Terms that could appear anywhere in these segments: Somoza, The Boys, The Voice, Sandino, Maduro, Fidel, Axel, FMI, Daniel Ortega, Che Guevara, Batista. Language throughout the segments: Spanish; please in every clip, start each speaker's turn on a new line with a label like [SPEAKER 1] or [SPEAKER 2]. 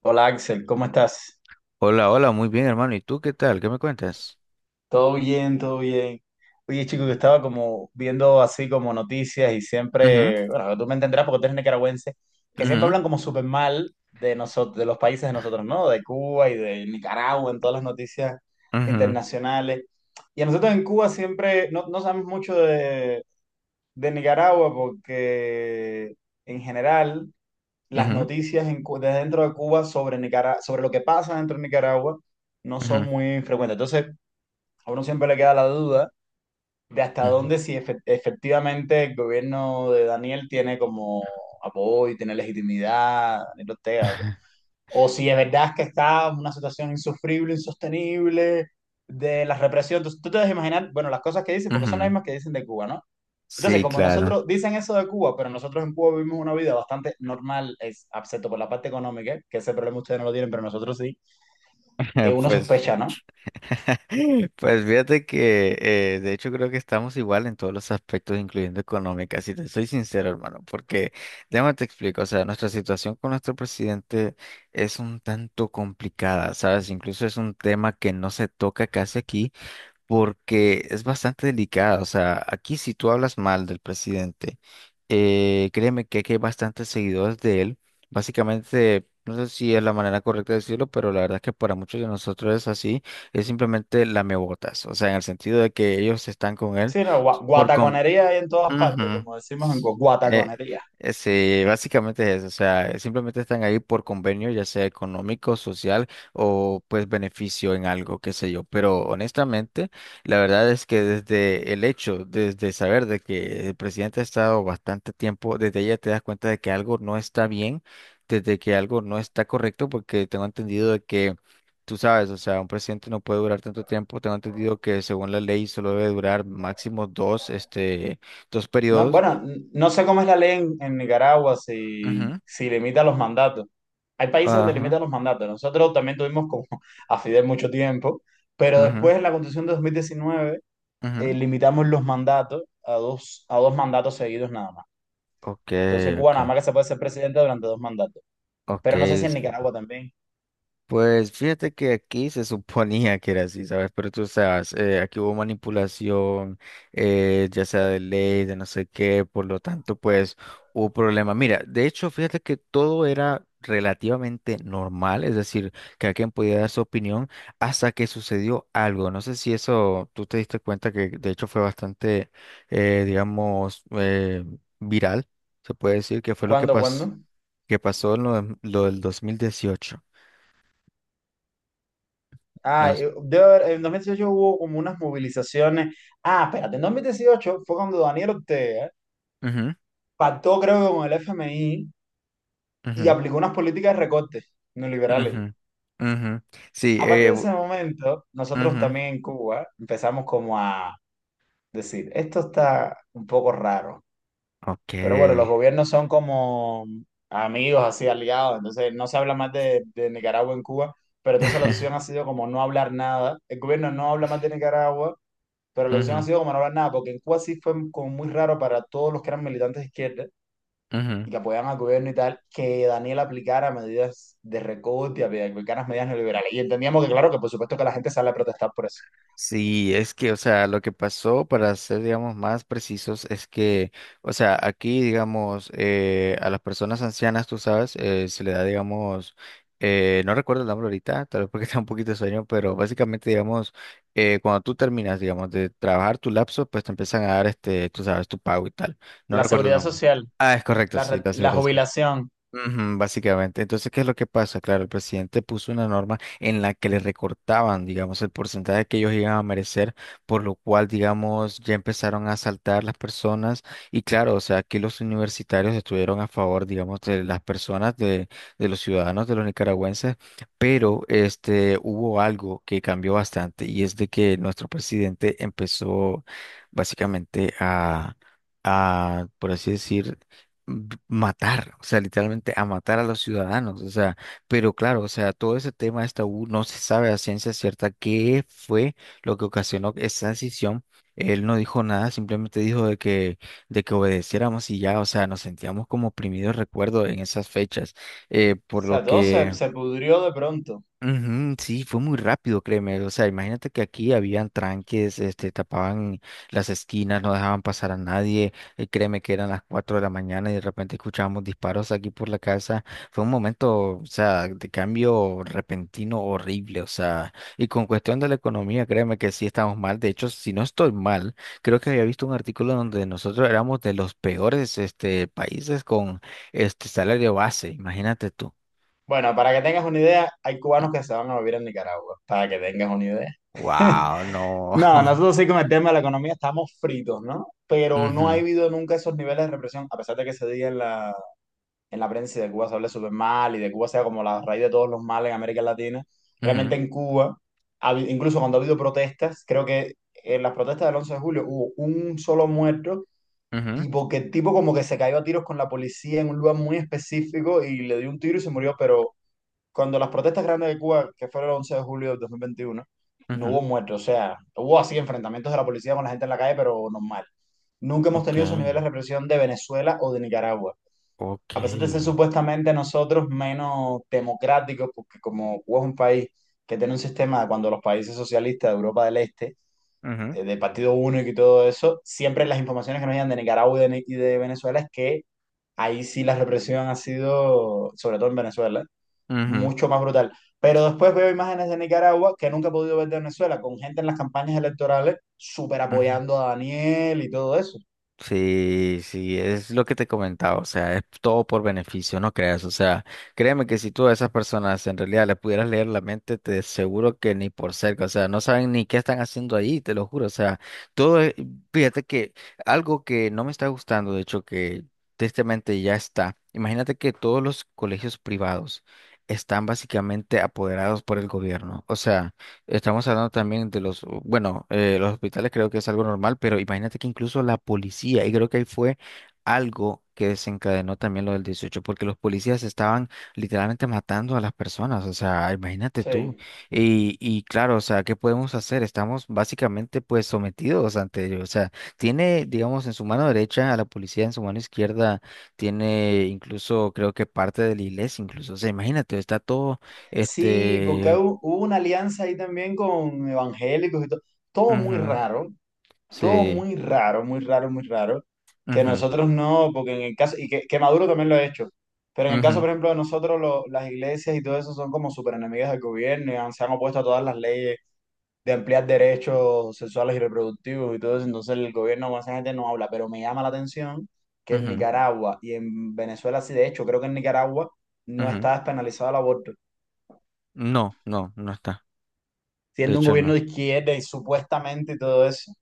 [SPEAKER 1] Hola Axel, ¿cómo estás?
[SPEAKER 2] Hola, hola, muy bien, hermano. ¿Y tú qué tal? ¿Qué me cuentas?
[SPEAKER 1] Todo bien, todo bien. Oye, chico, que estaba como viendo así como noticias y
[SPEAKER 2] Ujú,
[SPEAKER 1] siempre, bueno, tú me entenderás porque tú eres nicaragüense, que siempre
[SPEAKER 2] ujú,
[SPEAKER 1] hablan como súper mal de nosotros, de los países de nosotros, ¿no? De Cuba y de Nicaragua en todas las noticias
[SPEAKER 2] ujú,
[SPEAKER 1] internacionales. Y a nosotros en Cuba siempre no sabemos mucho de Nicaragua porque en general las
[SPEAKER 2] ujú,
[SPEAKER 1] noticias en desde dentro de Cuba sobre sobre lo que pasa dentro de Nicaragua no son
[SPEAKER 2] ujú,
[SPEAKER 1] muy frecuentes. Entonces, a uno siempre le queda la duda de hasta
[SPEAKER 2] ujú,
[SPEAKER 1] dónde si efectivamente el gobierno de Daniel tiene como apoyo, tiene legitimidad, Daniel Ortega, o sea, o si es verdad que está en una situación insufrible, insostenible, de la represión. Entonces, tú te debes imaginar, bueno, las cosas que dicen, porque son las
[SPEAKER 2] ujú.
[SPEAKER 1] mismas que dicen de Cuba, ¿no? Entonces,
[SPEAKER 2] Sí,
[SPEAKER 1] como
[SPEAKER 2] claro.
[SPEAKER 1] nosotros dicen eso de Cuba, pero nosotros en Cuba vivimos una vida bastante normal, es, excepto por la parte económica, que ese problema ustedes no lo tienen, pero nosotros sí, uno
[SPEAKER 2] Pues,
[SPEAKER 1] sospecha, ¿no?
[SPEAKER 2] pues fíjate que de hecho creo que estamos igual en todos los aspectos, incluyendo económica. Si te soy sincero, hermano, porque déjame te explico, o sea, nuestra situación con nuestro presidente es un tanto complicada, ¿sabes? Incluso es un tema que no se toca casi aquí porque es bastante delicada. O sea, aquí si tú hablas mal del presidente, créeme que aquí hay bastantes seguidores de él. Básicamente, no sé si es la manera correcta de decirlo, pero la verdad es que para muchos de nosotros es así, es simplemente lamebotas. O sea, en el sentido de que ellos están con él
[SPEAKER 1] Sí, no,
[SPEAKER 2] por com-
[SPEAKER 1] guataconería hay en todas partes,
[SPEAKER 2] Ujú.
[SPEAKER 1] como decimos en Cuba,
[SPEAKER 2] Eh,
[SPEAKER 1] guataconería.
[SPEAKER 2] sí, básicamente es eso, o sea, simplemente están ahí por convenio, ya sea económico, social o pues beneficio en algo, qué sé yo. Pero honestamente, la verdad es que desde el hecho, desde saber de que el presidente ha estado bastante tiempo, desde ella te das cuenta de que algo no está bien, desde que algo no está correcto, porque tengo entendido de que tú sabes, o sea, un presidente no puede durar tanto tiempo. Tengo entendido que según la ley solo debe durar máximo dos
[SPEAKER 1] No,
[SPEAKER 2] periodos.
[SPEAKER 1] bueno, no sé cómo es la ley en, Nicaragua, si limita los mandatos. Hay países donde
[SPEAKER 2] Ajá,
[SPEAKER 1] limitan los mandatos. Nosotros también tuvimos como a Fidel mucho tiempo, pero
[SPEAKER 2] ajá,
[SPEAKER 1] después en la Constitución de 2019
[SPEAKER 2] ajá.
[SPEAKER 1] limitamos los mandatos a dos mandatos seguidos nada más.
[SPEAKER 2] Ok,
[SPEAKER 1] Entonces en Cuba
[SPEAKER 2] ok,
[SPEAKER 1] nada más que se puede ser presidente durante dos mandatos.
[SPEAKER 2] ok.
[SPEAKER 1] Pero no sé si en Nicaragua también.
[SPEAKER 2] Pues fíjate que aquí se suponía que era así, ¿sabes? Pero tú sabes, aquí hubo manipulación, ya sea de ley, de no sé qué, por lo tanto, pues hubo problema. Mira, de hecho, fíjate que todo era relativamente normal, es decir, que alguien podía dar su opinión hasta que sucedió algo. No sé si eso tú te diste cuenta que de hecho fue bastante, digamos, viral, se puede decir, que fue lo que,
[SPEAKER 1] ¿Cuándo, cuándo?
[SPEAKER 2] que pasó en lo del 2018.
[SPEAKER 1] Ah, en 2018 hubo como unas movilizaciones. Ah, espérate, en 2018 fue cuando Daniel Ortega
[SPEAKER 2] Ujú,
[SPEAKER 1] pactó, creo, con el FMI y
[SPEAKER 2] ujú,
[SPEAKER 1] aplicó unas políticas de recortes neoliberales.
[SPEAKER 2] ujú, ujú. Sí,
[SPEAKER 1] A partir de ese momento, nosotros
[SPEAKER 2] ujú.
[SPEAKER 1] también en Cuba empezamos como a decir, esto está un poco raro.
[SPEAKER 2] Ok.
[SPEAKER 1] Pero bueno, los gobiernos son como amigos, así aliados, entonces no se habla más de Nicaragua en Cuba, pero entonces la opción ha sido como no hablar nada. El gobierno no habla más de Nicaragua, pero la opción ha
[SPEAKER 2] Ujú,
[SPEAKER 1] sido como no hablar nada, porque en Cuba sí fue como muy raro para todos los que eran militantes de izquierda
[SPEAKER 2] ujú.
[SPEAKER 1] y que apoyaban al gobierno y tal, que Daniel aplicara medidas de recorte, aplicara medidas neoliberales. Y entendíamos que, claro, que por supuesto que la gente sale a protestar por eso.
[SPEAKER 2] Sí, es que, o sea, lo que pasó, para ser, digamos, más precisos, es que, o sea, aquí, digamos, a las personas ancianas, tú sabes, se le da, digamos, no recuerdo el nombre ahorita, tal vez porque está un poquito de sueño, pero básicamente, digamos, cuando tú terminas, digamos, de trabajar tu lapso, pues te empiezan a dar, tú sabes, tu pago y tal. No
[SPEAKER 1] La
[SPEAKER 2] recuerdo el
[SPEAKER 1] seguridad
[SPEAKER 2] nombre.
[SPEAKER 1] social,
[SPEAKER 2] Ah, es correcto,
[SPEAKER 1] la,
[SPEAKER 2] sí,
[SPEAKER 1] re-
[SPEAKER 2] gracias,
[SPEAKER 1] la
[SPEAKER 2] gracias.
[SPEAKER 1] jubilación,
[SPEAKER 2] Ujú. Básicamente. Entonces, ¿qué es lo que pasa? Claro, el presidente puso una norma en la que le recortaban, digamos, el porcentaje que ellos iban a merecer, por lo cual, digamos, ya empezaron a asaltar las personas. Y claro, o sea, aquí los universitarios estuvieron a favor, digamos, de las personas, de los ciudadanos, de los nicaragüenses, pero este, hubo algo que cambió bastante y es de que nuestro presidente empezó básicamente a, por así decir, matar, o sea, literalmente a matar a los ciudadanos, o sea, pero claro, o sea, todo ese tema de esta U no se sabe a ciencia cierta qué fue lo que ocasionó esa decisión. Él no dijo nada, simplemente dijo de que obedeciéramos y ya, o sea, nos sentíamos como oprimidos, recuerdo, en esas fechas,
[SPEAKER 1] o
[SPEAKER 2] por lo
[SPEAKER 1] sea, todo se,
[SPEAKER 2] que
[SPEAKER 1] se pudrió de pronto.
[SPEAKER 2] ujú, sí, fue muy rápido, créeme. O sea, imagínate que aquí habían tranques, tapaban las esquinas, no dejaban pasar a nadie. Créeme que eran las 4 de la mañana y de repente escuchábamos disparos aquí por la casa. Fue un momento, o sea, de cambio repentino horrible. O sea, y con cuestión de la economía, créeme que sí estamos mal. De hecho, si no estoy mal, creo que había visto un artículo donde nosotros éramos de los peores, países con este salario base. Imagínate tú.
[SPEAKER 1] Bueno, para que tengas una idea, hay cubanos que se van a vivir en Nicaragua, para que tengas una idea.
[SPEAKER 2] Wow, no.
[SPEAKER 1] No, nosotros sí con el tema de la economía estamos fritos, ¿no? Pero no ha
[SPEAKER 2] Ujú,
[SPEAKER 1] habido nunca esos niveles de represión, a pesar de que se diga en la prensa y de Cuba se hable súper mal y de Cuba sea como la raíz de todos los males en América Latina. Realmente
[SPEAKER 2] ujú,
[SPEAKER 1] en Cuba, incluso cuando ha habido protestas, creo que en las protestas del 11 de julio hubo un solo muerto
[SPEAKER 2] ujú,
[SPEAKER 1] y porque el tipo como que se cayó a tiros con la policía en un lugar muy específico y le dio un tiro y se murió, pero cuando las protestas grandes de Cuba, que fueron el 11 de julio del 2021 no
[SPEAKER 2] ujú,
[SPEAKER 1] hubo muertos, o sea, hubo así enfrentamientos de la policía con la gente en la calle, pero normal. Nunca hemos
[SPEAKER 2] ok,
[SPEAKER 1] tenido esos niveles de represión de Venezuela o de Nicaragua.
[SPEAKER 2] ok,
[SPEAKER 1] A pesar de ser supuestamente nosotros menos democráticos, porque como Cuba es un país que tiene un sistema, cuando los países socialistas de Europa del Este,
[SPEAKER 2] ujú,
[SPEAKER 1] de partido único y todo eso, siempre las informaciones que nos llegan de Nicaragua y de, y de Venezuela es que ahí sí la represión ha sido, sobre todo en Venezuela,
[SPEAKER 2] ujú,
[SPEAKER 1] mucho más brutal. Pero después veo imágenes de Nicaragua que nunca he podido ver de Venezuela, con gente en las campañas electorales súper
[SPEAKER 2] ujú.
[SPEAKER 1] apoyando a Daniel y todo eso.
[SPEAKER 2] Sí, sí, es lo que te comentaba, o sea, es todo por beneficio, no creas, o sea, créeme que si tú a esas personas en realidad le pudieras leer la mente, te aseguro que ni por cerca, o sea, no saben ni qué están haciendo ahí, te lo juro, o sea, todo, fíjate que algo que no me está gustando, de hecho, que tristemente ya está, imagínate que todos los colegios privados están básicamente apoderados por el gobierno, o sea... Estamos hablando también de los, bueno, los hospitales creo que es algo normal, pero imagínate que incluso la policía, y creo que ahí fue algo que desencadenó también lo del 18 porque los policías estaban literalmente matando a las personas, o sea, imagínate tú.
[SPEAKER 1] Sí.
[SPEAKER 2] Y claro, o sea, ¿qué podemos hacer? Estamos básicamente pues sometidos ante ellos, o sea, tiene, digamos, en su mano derecha a la policía, en su mano izquierda tiene incluso, creo que parte de la iglesia, incluso, o sea, imagínate, está todo,
[SPEAKER 1] Sí, porque
[SPEAKER 2] este...
[SPEAKER 1] hubo una alianza ahí también con evangélicos y todo. Todo muy
[SPEAKER 2] Ujú.
[SPEAKER 1] raro, todo
[SPEAKER 2] Sí.
[SPEAKER 1] muy raro, muy raro, muy raro. Que
[SPEAKER 2] Ujú,
[SPEAKER 1] nosotros no, porque en el caso, y que, Maduro también lo ha hecho, pero en el caso,
[SPEAKER 2] ujú,
[SPEAKER 1] por ejemplo, de nosotros, las iglesias y todo eso son como súper enemigas del gobierno y se han opuesto a todas las leyes de ampliar derechos sexuales y reproductivos y todo eso, entonces el gobierno con esa gente no habla, pero me llama la atención que en
[SPEAKER 2] ujú,
[SPEAKER 1] Nicaragua y en Venezuela, sí, de hecho, creo que en Nicaragua no
[SPEAKER 2] ujú.
[SPEAKER 1] está despenalizado el aborto,
[SPEAKER 2] No, no, no está. De
[SPEAKER 1] siendo un
[SPEAKER 2] hecho,
[SPEAKER 1] gobierno
[SPEAKER 2] no.
[SPEAKER 1] de izquierda y supuestamente y todo eso.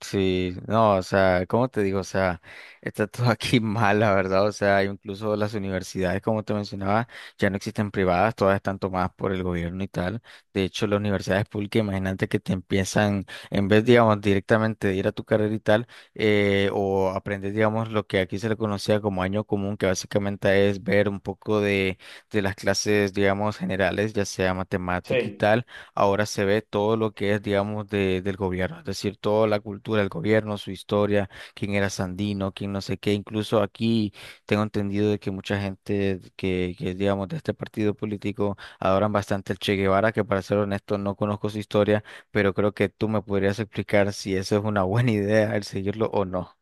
[SPEAKER 2] Sí, no, o sea, ¿cómo te digo? O sea, está todo aquí mal, la verdad. O sea, incluso las universidades, como te mencionaba, ya no existen privadas, todas están tomadas por el gobierno y tal. De hecho, las universidades públicas, imagínate que te empiezan, en vez, digamos, directamente de ir a tu carrera y tal, o aprender, digamos, lo que aquí se le conocía como año común, que básicamente es ver un poco de las clases, digamos, generales, ya sea matemática y
[SPEAKER 1] Sí.
[SPEAKER 2] tal ahora se ve todo lo que es, digamos, de, del gobierno, es decir, toda la cultura del gobierno, su historia, quién era Sandino, quién no sé qué, incluso aquí tengo entendido de que mucha gente que, digamos, de este partido político adoran bastante el Che Guevara, que para ser honesto no conozco su historia, pero creo que tú me podrías explicar si eso es una buena idea, el seguirlo o no.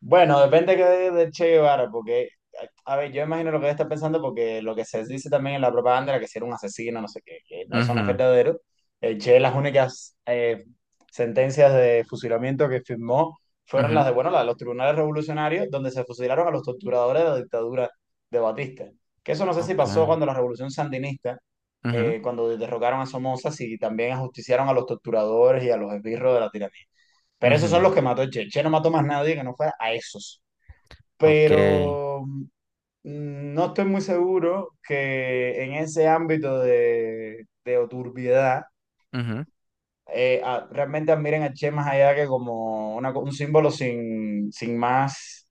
[SPEAKER 1] Bueno, depende que de Che Guevara, porque, a ver, yo imagino lo que él está pensando, porque lo que se dice también en la propaganda era que si era un asesino, no sé qué, que no, eso no es
[SPEAKER 2] Ujú,
[SPEAKER 1] verdadero. El Che, las únicas sentencias de fusilamiento que firmó fueron
[SPEAKER 2] ujú,
[SPEAKER 1] las de, bueno, las de los tribunales revolucionarios, donde se fusilaron a los torturadores de la dictadura de Batista. Que eso no sé si
[SPEAKER 2] ok,
[SPEAKER 1] pasó cuando la revolución sandinista,
[SPEAKER 2] ujú,
[SPEAKER 1] cuando derrocaron a Somoza, si también ajusticiaron a los torturadores y a los esbirros de la tiranía. Pero esos son
[SPEAKER 2] ujú,
[SPEAKER 1] los que mató Che. Che no mató más nadie que no fuera a esos.
[SPEAKER 2] ok,
[SPEAKER 1] Pero no estoy muy seguro que en ese ámbito de, turbiedad
[SPEAKER 2] ujú,
[SPEAKER 1] realmente admiren a Che más allá que como un símbolo sin más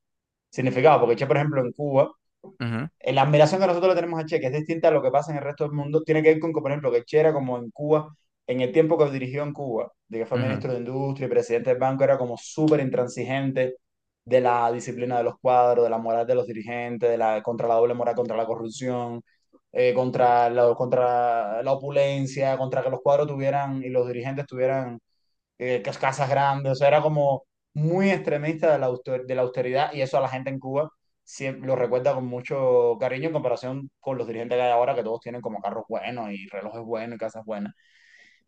[SPEAKER 1] significado. Porque Che, por ejemplo, en Cuba
[SPEAKER 2] ujú,
[SPEAKER 1] la admiración que nosotros le tenemos a Che, que es distinta a lo que pasa en el resto del mundo, tiene que ver con que, por ejemplo, que Che era como en Cuba, en el tiempo que dirigió en Cuba, de que fue
[SPEAKER 2] ujú,
[SPEAKER 1] ministro de Industria y presidente del banco, era como súper intransigente de la disciplina de los cuadros, de la moral de los dirigentes, de la, contra la doble moral, contra la corrupción, contra la opulencia, contra que los cuadros tuvieran y los dirigentes tuvieran casas grandes, o sea, era como muy extremista de de la austeridad y eso a la gente en Cuba siempre lo recuerda con mucho cariño en comparación con los dirigentes que hay ahora, que todos tienen como carros buenos y relojes buenos y casas buenas.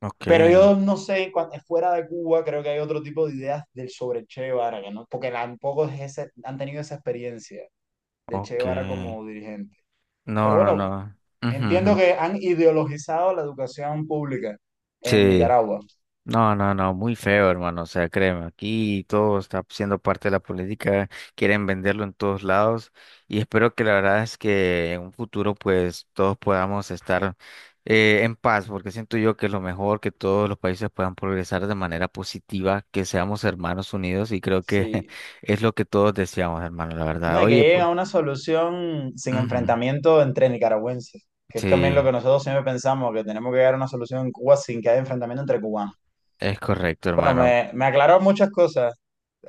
[SPEAKER 2] ok,
[SPEAKER 1] Pero yo no sé, fuera de Cuba creo que hay otro tipo de ideas del sobre Che Guevara, que no, porque tampoco es han tenido esa experiencia de Che
[SPEAKER 2] ok.
[SPEAKER 1] Guevara como dirigente. Pero
[SPEAKER 2] No, no,
[SPEAKER 1] bueno,
[SPEAKER 2] no. Ujú,
[SPEAKER 1] entiendo
[SPEAKER 2] ujú.
[SPEAKER 1] que han ideologizado la educación pública en
[SPEAKER 2] Sí.
[SPEAKER 1] Nicaragua.
[SPEAKER 2] No, no, no, muy feo, hermano. O sea, créeme, aquí todo está siendo parte de la política, quieren venderlo en todos lados y espero que la verdad es que en un futuro pues todos podamos estar en paz, porque siento yo que es lo mejor, que todos los países puedan progresar de manera positiva, que seamos hermanos unidos y creo que
[SPEAKER 1] Sí,
[SPEAKER 2] es lo que todos deseamos, hermano, la
[SPEAKER 1] no,
[SPEAKER 2] verdad.
[SPEAKER 1] y que
[SPEAKER 2] Oye,
[SPEAKER 1] lleguen
[SPEAKER 2] pues.
[SPEAKER 1] a una solución sin
[SPEAKER 2] Ujú,
[SPEAKER 1] enfrentamiento entre nicaragüenses, que es también lo
[SPEAKER 2] sí,
[SPEAKER 1] que nosotros siempre pensamos, que tenemos que llegar a una solución en Cuba sin que haya enfrentamiento entre cubanos.
[SPEAKER 2] es correcto,
[SPEAKER 1] Bueno,
[SPEAKER 2] hermano.
[SPEAKER 1] me aclaró muchas cosas,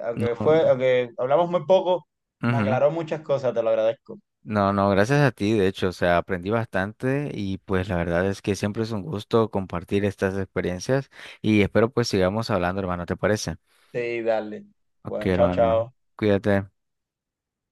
[SPEAKER 1] aunque
[SPEAKER 2] No,
[SPEAKER 1] fue,
[SPEAKER 2] no.
[SPEAKER 1] aunque hablamos muy poco, me
[SPEAKER 2] Ujú.
[SPEAKER 1] aclaró muchas cosas, te lo agradezco.
[SPEAKER 2] No, no, gracias a ti, de hecho, o sea, aprendí bastante y pues la verdad es que siempre es un gusto compartir estas experiencias y espero pues sigamos hablando, hermano, ¿te parece?
[SPEAKER 1] Sí, dale.
[SPEAKER 2] Ok,
[SPEAKER 1] Bueno, chao,
[SPEAKER 2] hermano,
[SPEAKER 1] chao.
[SPEAKER 2] cuídate.